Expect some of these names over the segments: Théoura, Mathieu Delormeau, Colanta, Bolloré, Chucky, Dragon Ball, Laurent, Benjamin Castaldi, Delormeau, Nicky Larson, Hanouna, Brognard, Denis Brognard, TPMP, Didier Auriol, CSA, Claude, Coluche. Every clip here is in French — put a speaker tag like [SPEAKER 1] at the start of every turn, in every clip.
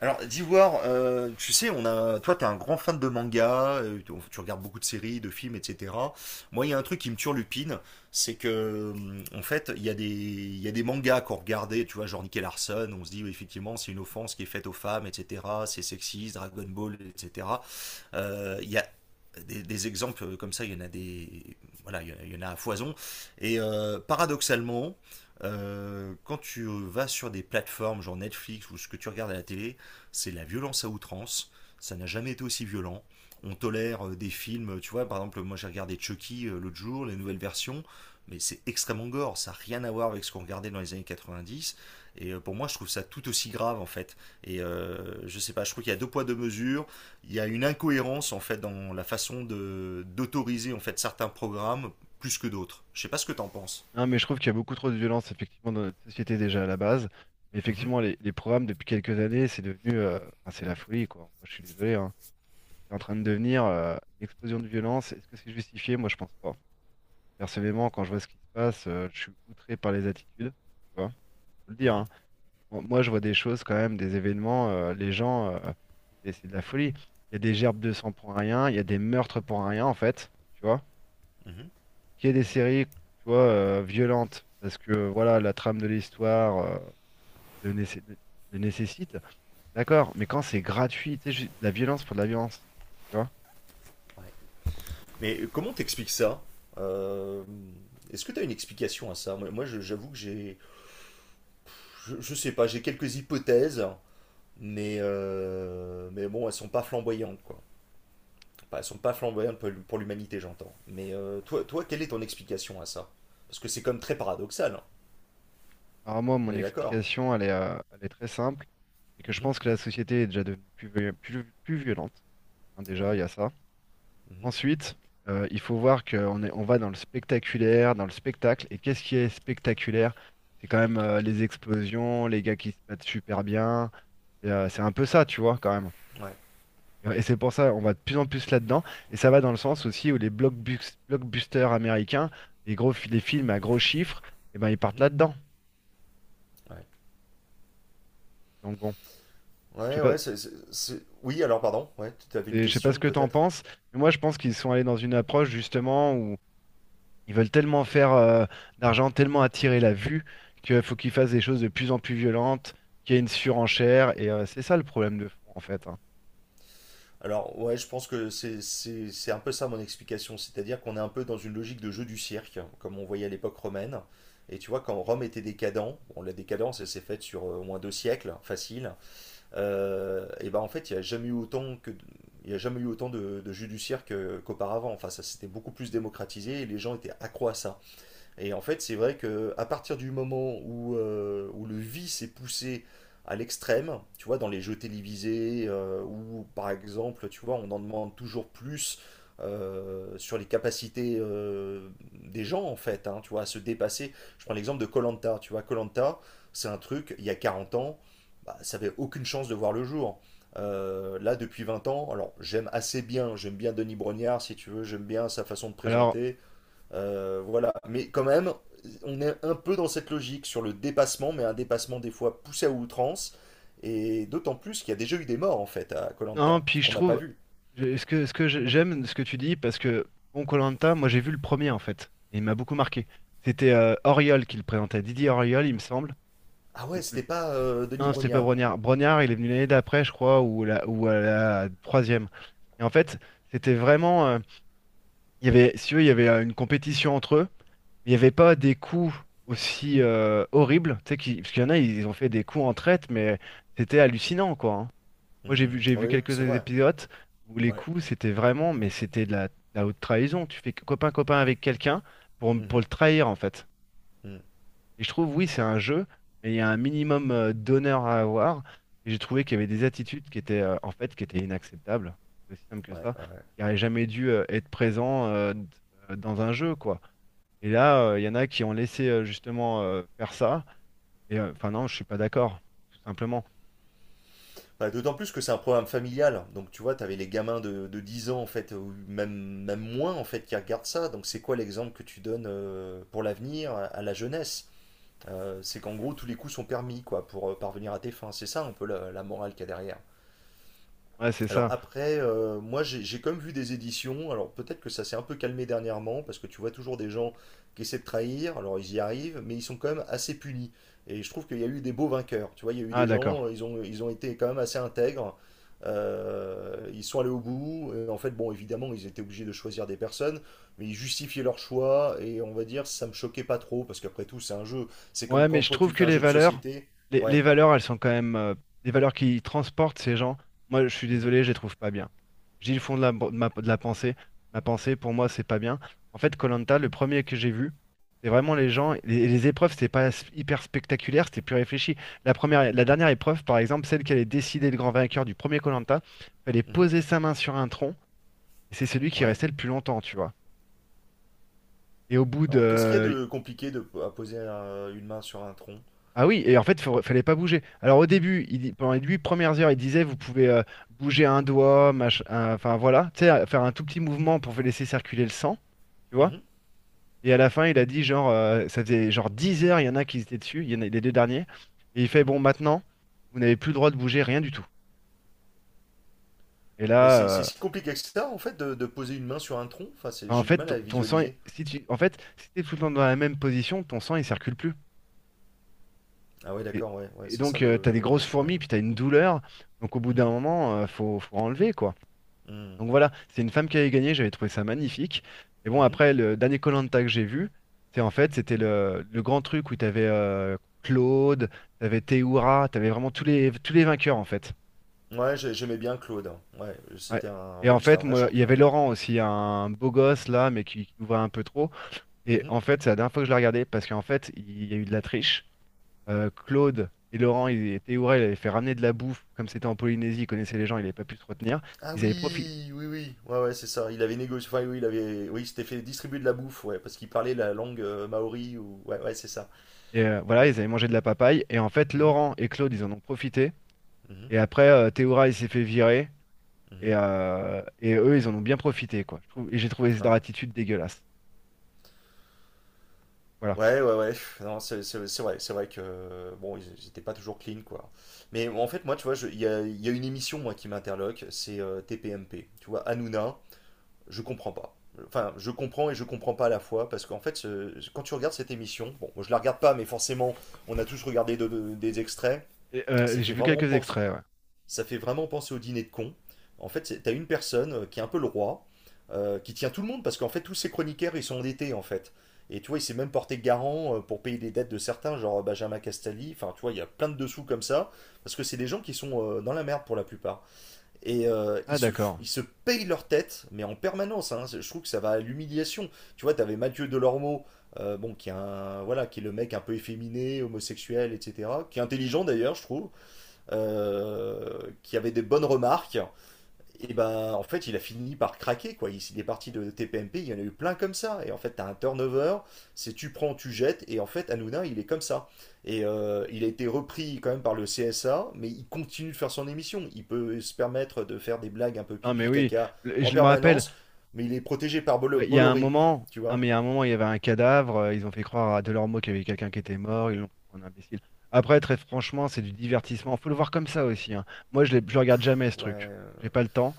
[SPEAKER 1] Alors, Dewar, tu sais, on a, toi, t'es un grand fan de manga, tu regardes beaucoup de séries, de films, etc. Moi, il y a un truc qui me turlupine, c'est que, en fait, il y a des mangas qu'on regardait, tu vois, genre Nicky Larson, on se dit, oui, effectivement, c'est une offense qui est faite aux femmes, etc. C'est sexiste, Dragon Ball, etc. Il y a exemples comme ça, il y en a des, voilà, il y en a à foison. Et paradoxalement, quand tu vas sur des plateformes genre Netflix ou ce que tu regardes à la télé, c'est la violence à outrance. Ça n'a jamais été aussi violent. On tolère des films, tu vois, par exemple, moi j'ai regardé Chucky l'autre jour, les nouvelles versions, mais c'est extrêmement gore, ça n'a rien à voir avec ce qu'on regardait dans les années 90. Et pour moi, je trouve ça tout aussi grave en fait. Et je sais pas, je trouve qu'il y a deux poids deux mesures, il y a une incohérence en fait dans la façon de d'autoriser en fait certains programmes plus que d'autres. Je sais pas ce que t'en penses.
[SPEAKER 2] Non, mais je trouve qu'il y a beaucoup trop de violence, effectivement, dans notre société déjà à la base. Mais
[SPEAKER 1] Mhm,
[SPEAKER 2] effectivement, les programmes, depuis quelques années, c'est devenu. Enfin, c'est la folie, quoi. Moi, je suis désolé, hein. C'est en train de devenir une explosion de violence. Est-ce que c'est justifié? Moi, je pense pas. Personnellement, quand je vois ce qui se passe, je suis outré par les attitudes, tu vois. Faut le dire,
[SPEAKER 1] mhm,
[SPEAKER 2] hein. Bon, moi, je vois des choses quand même, des événements, les gens, c'est de la folie. Il y a des gerbes de sang pour rien, il y a des meurtres pour rien, en fait, tu vois
[SPEAKER 1] mhm.
[SPEAKER 2] qu'il y ait des séries, tu vois, violentes, parce que voilà, la trame de l'histoire le, nécess- le nécessite, d'accord, mais quand c'est gratuit, tu sais, de la violence pour de la violence, tu vois.
[SPEAKER 1] Ouais. Mais comment t'expliques ça? Euh, Est-ce que t'as une explication à ça? Moi, j'avoue que je sais pas, j'ai quelques hypothèses, mais mais bon, elles sont pas flamboyantes quoi. Enfin, elles sont pas flamboyantes pour l'humanité, j'entends. Mais toi, quelle est ton explication à ça? Parce que c'est comme très paradoxal, hein.
[SPEAKER 2] Alors moi,
[SPEAKER 1] On
[SPEAKER 2] mon
[SPEAKER 1] est d'accord.
[SPEAKER 2] explication, elle est très simple, c'est que je
[SPEAKER 1] Mhm.
[SPEAKER 2] pense que la société est déjà devenue plus, plus violente, hein, déjà, il
[SPEAKER 1] Ouais.
[SPEAKER 2] y a ça.
[SPEAKER 1] Mhm.
[SPEAKER 2] Ensuite, il faut voir qu'on est, on va dans le spectaculaire, dans le spectacle, et qu'est-ce qui est spectaculaire? C'est quand même les explosions, les gars qui se battent super bien, c'est un peu ça, tu vois, quand même.
[SPEAKER 1] Ouais.
[SPEAKER 2] Et c'est pour ça on va de plus en plus là-dedans. Et ça va dans le sens aussi où les blockbusters américains, les les films à gros chiffres, eh ben, ils partent
[SPEAKER 1] Mhm.
[SPEAKER 2] là-dedans.
[SPEAKER 1] Ouais.
[SPEAKER 2] Donc bon, je sais
[SPEAKER 1] Ouais,
[SPEAKER 2] pas,
[SPEAKER 1] ouais, oui, alors pardon, ouais, tu avais une
[SPEAKER 2] et je sais pas ce
[SPEAKER 1] question
[SPEAKER 2] que t'en
[SPEAKER 1] peut-être?
[SPEAKER 2] penses, mais moi je pense qu'ils sont allés dans une approche justement où ils veulent tellement faire d'argent, tellement attirer la vue, qu'il faut qu'ils fassent des choses de plus en plus violentes, qu'il y ait une surenchère. Et c'est ça le problème de fond en fait, hein.
[SPEAKER 1] Alors, ouais, je pense que c'est un peu ça mon explication, c'est-à-dire qu'on est un peu dans une logique de jeu du cirque, comme on voyait à l'époque romaine. Et tu vois, quand Rome était décadent, bon, la décadence, elle s'est faite sur au moins deux siècles, facile, et ben en fait, il y a jamais eu autant de jeux du cirque qu'auparavant. Enfin, ça s'était beaucoup plus démocratisé et les gens étaient accros à ça. Et en fait, c'est vrai que à partir du moment où, où le vice est poussé à l'extrême, tu vois, dans les jeux télévisés, où par exemple, tu vois, on en demande toujours plus sur les capacités des gens, en fait, hein, tu vois, à se dépasser. Je prends l'exemple de Colanta, tu vois, Colanta, c'est un truc, il y a 40 ans, bah, ça avait aucune chance de voir le jour. Là, depuis 20 ans, alors j'aime assez bien, j'aime bien Denis Brognard, si tu veux, j'aime bien sa façon de
[SPEAKER 2] Alors
[SPEAKER 1] présenter, voilà. Mais quand même, on est un peu dans cette logique sur le dépassement, mais un dépassement des fois poussé à outrance. Et d'autant plus qu'il y a déjà eu des morts en fait à
[SPEAKER 2] non,
[SPEAKER 1] Colanta
[SPEAKER 2] puis je
[SPEAKER 1] qu'on n'a pas
[SPEAKER 2] trouve,
[SPEAKER 1] vu.
[SPEAKER 2] ce que, ce que j'aime ce que tu dis, parce que bon, koh moi j'ai vu le premier en fait, et il m'a beaucoup marqué. C'était Auriol qui le présentait, Didier Auriol, il me semble.
[SPEAKER 1] Ah ouais,
[SPEAKER 2] Le- le-
[SPEAKER 1] c'était pas Denis
[SPEAKER 2] Non, c'était pas
[SPEAKER 1] Brognard.
[SPEAKER 2] Brognard. Brognard, il est venu l'année d'après, je crois, ou, la, ou à la troisième. Et en fait, c'était vraiment, il y avait, si tu veux, il y avait une compétition entre eux. Il n'y avait pas des coups aussi horribles, tu sais, parce qu'il y en a, ils ont fait des coups en traite, mais c'était hallucinant, quoi, hein. Moi,
[SPEAKER 1] Hmm.
[SPEAKER 2] j'ai
[SPEAKER 1] Oui,
[SPEAKER 2] vu
[SPEAKER 1] oui,
[SPEAKER 2] quelques
[SPEAKER 1] c'est vrai.
[SPEAKER 2] épisodes où les
[SPEAKER 1] Ouais.
[SPEAKER 2] coups, c'était vraiment, mais c'était de de la haute trahison. Tu fais copain-copain avec quelqu'un pour le
[SPEAKER 1] Mhm.
[SPEAKER 2] trahir, en fait.
[SPEAKER 1] Hmm.
[SPEAKER 2] Et je trouve, oui, c'est un jeu, mais il y a un minimum d'honneur à avoir. Et j'ai trouvé qu'il y avait des attitudes qui étaient, en fait, qui étaient inacceptables. C'est aussi simple que
[SPEAKER 1] Ouais,
[SPEAKER 2] ça.
[SPEAKER 1] ouais.
[SPEAKER 2] Qui n'auraient jamais dû être présents dans un jeu, quoi. Et là, il y en a qui ont laissé, justement, faire ça. Et, enfin, non, je suis pas d'accord, tout simplement.
[SPEAKER 1] Bah, d'autant plus que c'est un programme familial. Donc tu vois, t'avais les gamins de 10 ans en fait, ou même moins en fait, qui regardent ça. Donc c'est quoi l'exemple que tu donnes pour l'avenir à la jeunesse? C'est qu'en gros, tous les coups sont permis quoi, pour parvenir à tes fins. C'est ça un peu la morale qu'il y a derrière.
[SPEAKER 2] Ouais, c'est
[SPEAKER 1] Alors
[SPEAKER 2] ça.
[SPEAKER 1] après, moi j'ai quand même vu des éditions, alors peut-être que ça s'est un peu calmé dernièrement, parce que tu vois toujours des gens qui essaient de trahir, alors ils y arrivent, mais ils sont quand même assez punis. Et je trouve qu'il y a eu des beaux vainqueurs, tu vois, il y a eu
[SPEAKER 2] Ah,
[SPEAKER 1] des
[SPEAKER 2] d'accord.
[SPEAKER 1] gens, ils ont été quand même assez intègres, ils sont allés au bout, et en fait, bon, évidemment, ils étaient obligés de choisir des personnes, mais ils justifiaient leur choix, et on va dire, ça me choquait pas trop, parce qu'après tout, c'est un jeu, c'est comme
[SPEAKER 2] Ouais, mais
[SPEAKER 1] quand
[SPEAKER 2] je
[SPEAKER 1] toi
[SPEAKER 2] trouve
[SPEAKER 1] tu
[SPEAKER 2] que
[SPEAKER 1] fais un
[SPEAKER 2] les
[SPEAKER 1] jeu de
[SPEAKER 2] valeurs,
[SPEAKER 1] société,
[SPEAKER 2] les
[SPEAKER 1] ouais,
[SPEAKER 2] valeurs, elles sont quand même des valeurs qui transportent ces gens. Moi, je suis
[SPEAKER 1] mhm,
[SPEAKER 2] désolé, je les trouve pas bien. Je dis le fond de de la pensée. Ma pensée, pour moi, c'est pas bien. En fait, koh le premier que j'ai vu, c'est vraiment les gens. Les épreuves, c'était pas hyper spectaculaire, c'était plus réfléchi. La dernière épreuve, par exemple, celle qui allait décider le grand vainqueur du premier koh fallait
[SPEAKER 1] mhm,
[SPEAKER 2] poser sa main sur un tronc, et c'est celui qui
[SPEAKER 1] ouais.
[SPEAKER 2] restait le plus longtemps, tu vois. Et au bout de,
[SPEAKER 1] Alors, qu'est-ce qu'il y a de compliqué à poser une main sur un tronc?
[SPEAKER 2] ah oui, et en fait, il fallait pas bouger. Alors au début, pendant les 8 premières heures, il disait, vous pouvez bouger un doigt, enfin voilà, tu sais, faire un tout petit mouvement pour laisser circuler le sang, tu vois.
[SPEAKER 1] Mhm,
[SPEAKER 2] Et à la fin, il a dit, genre, ça faisait genre 10 heures, il y en a qui étaient dessus, il y en a les deux derniers. Et il fait,
[SPEAKER 1] mhm.
[SPEAKER 2] bon, maintenant, vous n'avez plus le droit de bouger, rien du tout. Et
[SPEAKER 1] Mais c'est
[SPEAKER 2] là,
[SPEAKER 1] c'est si compliqué que ça, en fait, de poser une main sur un tronc? Enfin,
[SPEAKER 2] en
[SPEAKER 1] j'ai du
[SPEAKER 2] fait,
[SPEAKER 1] mal à
[SPEAKER 2] ton sang,
[SPEAKER 1] visualiser.
[SPEAKER 2] si tu, en fait, si t'es tout le temps dans la même position, ton sang, il circule plus.
[SPEAKER 1] Ah ouais,
[SPEAKER 2] Et,
[SPEAKER 1] d'accord, ouais, ouais,
[SPEAKER 2] et
[SPEAKER 1] c'est
[SPEAKER 2] donc,
[SPEAKER 1] ça
[SPEAKER 2] tu t'as des
[SPEAKER 1] le...
[SPEAKER 2] grosses
[SPEAKER 1] Ouais.
[SPEAKER 2] fourmis, puis t'as une douleur. Donc au bout d'un
[SPEAKER 1] Mhm,
[SPEAKER 2] moment, faut enlever, quoi.
[SPEAKER 1] mhm,
[SPEAKER 2] Donc voilà, c'est une femme qui avait gagné, j'avais trouvé ça magnifique. Et bon,
[SPEAKER 1] mhm.
[SPEAKER 2] après, le dernier koh que j'ai vu, c'est en fait, c'était le grand truc où t'avais avais Claude, t'avais Théoura, t'avais vraiment tous les vainqueurs en fait.
[SPEAKER 1] Ouais, j'aimais bien Claude, hein. Ouais,
[SPEAKER 2] Ouais.
[SPEAKER 1] c'était un,
[SPEAKER 2] Et
[SPEAKER 1] ouais,
[SPEAKER 2] en
[SPEAKER 1] lui, c'était
[SPEAKER 2] fait,
[SPEAKER 1] un vrai
[SPEAKER 2] moi, il y
[SPEAKER 1] champion.
[SPEAKER 2] avait Laurent aussi, un beau gosse là, mais qui nous voit un peu trop. Et
[SPEAKER 1] Mhm.
[SPEAKER 2] en fait, c'est la dernière fois que je l'ai regardé parce qu'en fait, il y a eu de la triche. Claude et Laurent, et Théoura, ils avaient fait ramener de la bouffe, comme c'était en Polynésie, ils connaissaient les gens, ils n'avaient pas pu se retenir.
[SPEAKER 1] Ah
[SPEAKER 2] Ils avaient profi-
[SPEAKER 1] oui, oui, oui, ouais, ouais, c'est ça. Il avait négocié, enfin, oui, il avait, oui, il s'était fait distribuer de la bouffe, ouais, parce qu'il parlait la langue maori ou, ouais, ouais, c'est ça.
[SPEAKER 2] Et voilà,
[SPEAKER 1] Ouais.
[SPEAKER 2] ils avaient mangé de la papaye. Et en fait,
[SPEAKER 1] Mhm,
[SPEAKER 2] Laurent et Claude, ils en ont profité.
[SPEAKER 1] mhm,
[SPEAKER 2] Et après, Théoura, il s'est fait virer.
[SPEAKER 1] mhm.
[SPEAKER 2] Et eux, ils en ont bien profité, quoi. Et j'ai trouvé leur
[SPEAKER 1] Ouais.
[SPEAKER 2] attitude dégueulasse. Voilà.
[SPEAKER 1] Ouais, ouais, ouais. Non, c'est vrai que bon, ils étaient pas toujours clean, quoi. Mais en fait, moi, tu vois, il y a une émission moi qui m'interloque, c'est TPMP. Tu vois, Hanouna, je comprends pas. Enfin, je comprends et je comprends pas à la fois parce qu'en fait, quand tu regardes cette émission, bon, moi, je la regarde pas, mais forcément, on a tous regardé des extraits.
[SPEAKER 2] Et,
[SPEAKER 1] Ça
[SPEAKER 2] j'ai
[SPEAKER 1] fait
[SPEAKER 2] vu
[SPEAKER 1] vraiment
[SPEAKER 2] quelques
[SPEAKER 1] penser,
[SPEAKER 2] extraits, ouais.
[SPEAKER 1] Ça fait vraiment penser au dîner de cons. En fait, t'as une personne qui est un peu le roi, qui tient tout le monde parce qu'en fait, tous ces chroniqueurs, ils sont endettés en fait. Et tu vois, il s'est même porté garant pour payer des dettes de certains, genre Benjamin Castaldi. Enfin, tu vois, il y a plein de dessous comme ça, parce que c'est des gens qui sont dans la merde pour la plupart. Et
[SPEAKER 2] Ah, d'accord.
[SPEAKER 1] ils se payent leur tête, mais en permanence, hein. Je trouve que ça va à l'humiliation. Tu vois, t'avais Mathieu Delormeau, bon, voilà, qui est le mec un peu efféminé, homosexuel, etc., qui est intelligent d'ailleurs, je trouve, qui avait des bonnes remarques, et ben en fait il a fini par craquer quoi. Il est parti de TPMP, il y en a eu plein comme ça. Et en fait t'as un turnover, c'est tu prends, tu jettes, et en fait Hanouna il est comme ça. Et il a été repris quand même par le CSA, mais il continue de faire son émission. Il peut se permettre de faire des blagues un peu
[SPEAKER 2] Non, mais
[SPEAKER 1] pipi
[SPEAKER 2] oui.
[SPEAKER 1] caca en
[SPEAKER 2] Je me rappelle,
[SPEAKER 1] permanence, mais il est protégé par
[SPEAKER 2] ouais, il y a un
[SPEAKER 1] Bolloré,
[SPEAKER 2] moment,
[SPEAKER 1] tu
[SPEAKER 2] non, mais
[SPEAKER 1] vois.
[SPEAKER 2] il y a un moment, il y avait un cadavre. Ils ont fait croire à Delormeau qu'il y avait quelqu'un qui était mort. Ils l'ont pris pour un imbécile. Après, très franchement, c'est du divertissement. Faut le voir comme ça aussi, hein. Moi, je ne le regarde jamais, ce
[SPEAKER 1] Ouais,
[SPEAKER 2] truc. J'ai pas le temps.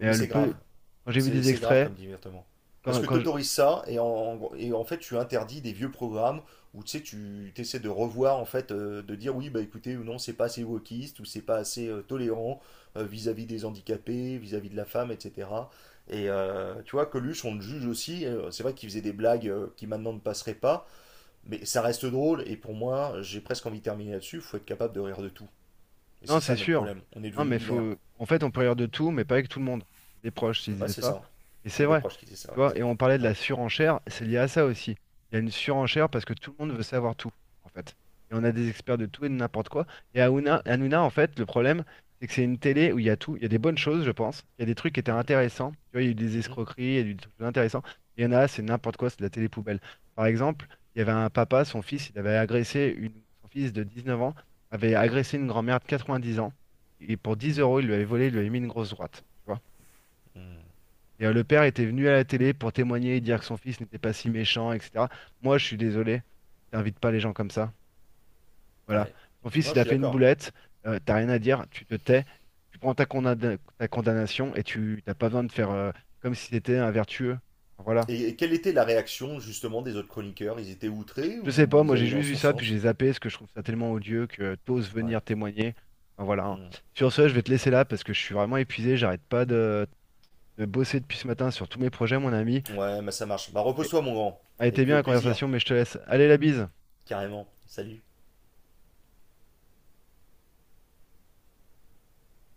[SPEAKER 2] Mais le
[SPEAKER 1] c'est grave.
[SPEAKER 2] peu, quand j'ai vu
[SPEAKER 1] C'est
[SPEAKER 2] des
[SPEAKER 1] c'est grave
[SPEAKER 2] extraits,
[SPEAKER 1] comme divertement. Parce
[SPEAKER 2] Quand,
[SPEAKER 1] que
[SPEAKER 2] quand je-
[SPEAKER 1] t'autorises ça et en fait tu interdis des vieux programmes où tu sais tu essaies de revoir en fait de dire oui bah écoutez ou non c'est pas assez wokiste ou c'est pas assez tolérant vis-à-vis des handicapés, vis-à-vis de la femme etc. Et tu vois Coluche on le juge aussi, c'est vrai qu'il faisait des blagues qui maintenant ne passeraient pas mais ça reste drôle et pour moi j'ai presque envie de terminer là-dessus. Il faut être capable de rire de tout. Et
[SPEAKER 2] Non,
[SPEAKER 1] c'est ça
[SPEAKER 2] c'est
[SPEAKER 1] notre
[SPEAKER 2] sûr.
[SPEAKER 1] problème, on est
[SPEAKER 2] Non,
[SPEAKER 1] devenu
[SPEAKER 2] mais
[SPEAKER 1] binaire.
[SPEAKER 2] faut. En fait, on peut rire de tout, mais pas avec tout le monde. C'est des proches qui
[SPEAKER 1] Ouais
[SPEAKER 2] disaient
[SPEAKER 1] c'est
[SPEAKER 2] ça.
[SPEAKER 1] ça,
[SPEAKER 2] Et c'est
[SPEAKER 1] c'est des
[SPEAKER 2] vrai.
[SPEAKER 1] proches qui disent ça,
[SPEAKER 2] Tu
[SPEAKER 1] ouais,
[SPEAKER 2] vois, et
[SPEAKER 1] exact.
[SPEAKER 2] on parlait de la
[SPEAKER 1] Ouais.
[SPEAKER 2] surenchère, c'est lié à ça aussi. Il y a une surenchère parce que tout le monde veut savoir tout, en fait. Et on a des experts de tout et de n'importe quoi. Et Hanouna, en fait, le problème, c'est que c'est une télé où il y a tout. Il y a des bonnes choses, je pense. Il y a des trucs qui étaient
[SPEAKER 1] Mhm. Mhm.
[SPEAKER 2] intéressants. Tu vois, il y a eu des
[SPEAKER 1] Mhm,
[SPEAKER 2] escroqueries, il y a eu des trucs intéressants. Il y en a, c'est n'importe quoi, c'est de la télé poubelle. Par exemple, il y avait un papa, son fils de 19 ans avait
[SPEAKER 1] mhm,
[SPEAKER 2] agressé une grand-mère de 90 ans. Et pour 10
[SPEAKER 1] mhm,
[SPEAKER 2] euros, il lui avait mis une grosse droite. Tu vois.
[SPEAKER 1] mhm.
[SPEAKER 2] Et le père était venu à la télé pour témoigner et dire que son fils n'était pas si méchant, etc. Moi, je suis désolé, t'invites pas les gens comme ça. Voilà.
[SPEAKER 1] Ouais.
[SPEAKER 2] Son fils,
[SPEAKER 1] Moi,
[SPEAKER 2] il
[SPEAKER 1] je
[SPEAKER 2] a
[SPEAKER 1] suis
[SPEAKER 2] fait une
[SPEAKER 1] d'accord.
[SPEAKER 2] boulette, t'as rien à dire, tu te tais, tu prends ta condamnation et tu t'as pas besoin de faire comme si c'était un vertueux. Voilà.
[SPEAKER 1] Et quelle était la réaction justement des autres chroniqueurs? Ils étaient outrés
[SPEAKER 2] Je sais
[SPEAKER 1] ou
[SPEAKER 2] pas, moi
[SPEAKER 1] ils
[SPEAKER 2] j'ai
[SPEAKER 1] allaient dans
[SPEAKER 2] juste vu
[SPEAKER 1] son
[SPEAKER 2] ça, puis j'ai
[SPEAKER 1] sens?
[SPEAKER 2] zappé, parce que je trouve ça tellement odieux que t'oses
[SPEAKER 1] Ouais.
[SPEAKER 2] venir témoigner. Enfin, voilà, hein.
[SPEAKER 1] Mm.
[SPEAKER 2] Sur ce, je vais te laisser là parce que je suis vraiment épuisé, j'arrête pas de, de bosser depuis ce matin sur tous mes projets, mon ami.
[SPEAKER 1] Ouais, mais ça marche. Bah
[SPEAKER 2] Et,
[SPEAKER 1] repose-toi, mon grand.
[SPEAKER 2] a
[SPEAKER 1] Et
[SPEAKER 2] été
[SPEAKER 1] puis
[SPEAKER 2] bien
[SPEAKER 1] au
[SPEAKER 2] la
[SPEAKER 1] plaisir,
[SPEAKER 2] conversation, mais je te laisse. Allez, la bise!
[SPEAKER 1] carrément. Salut.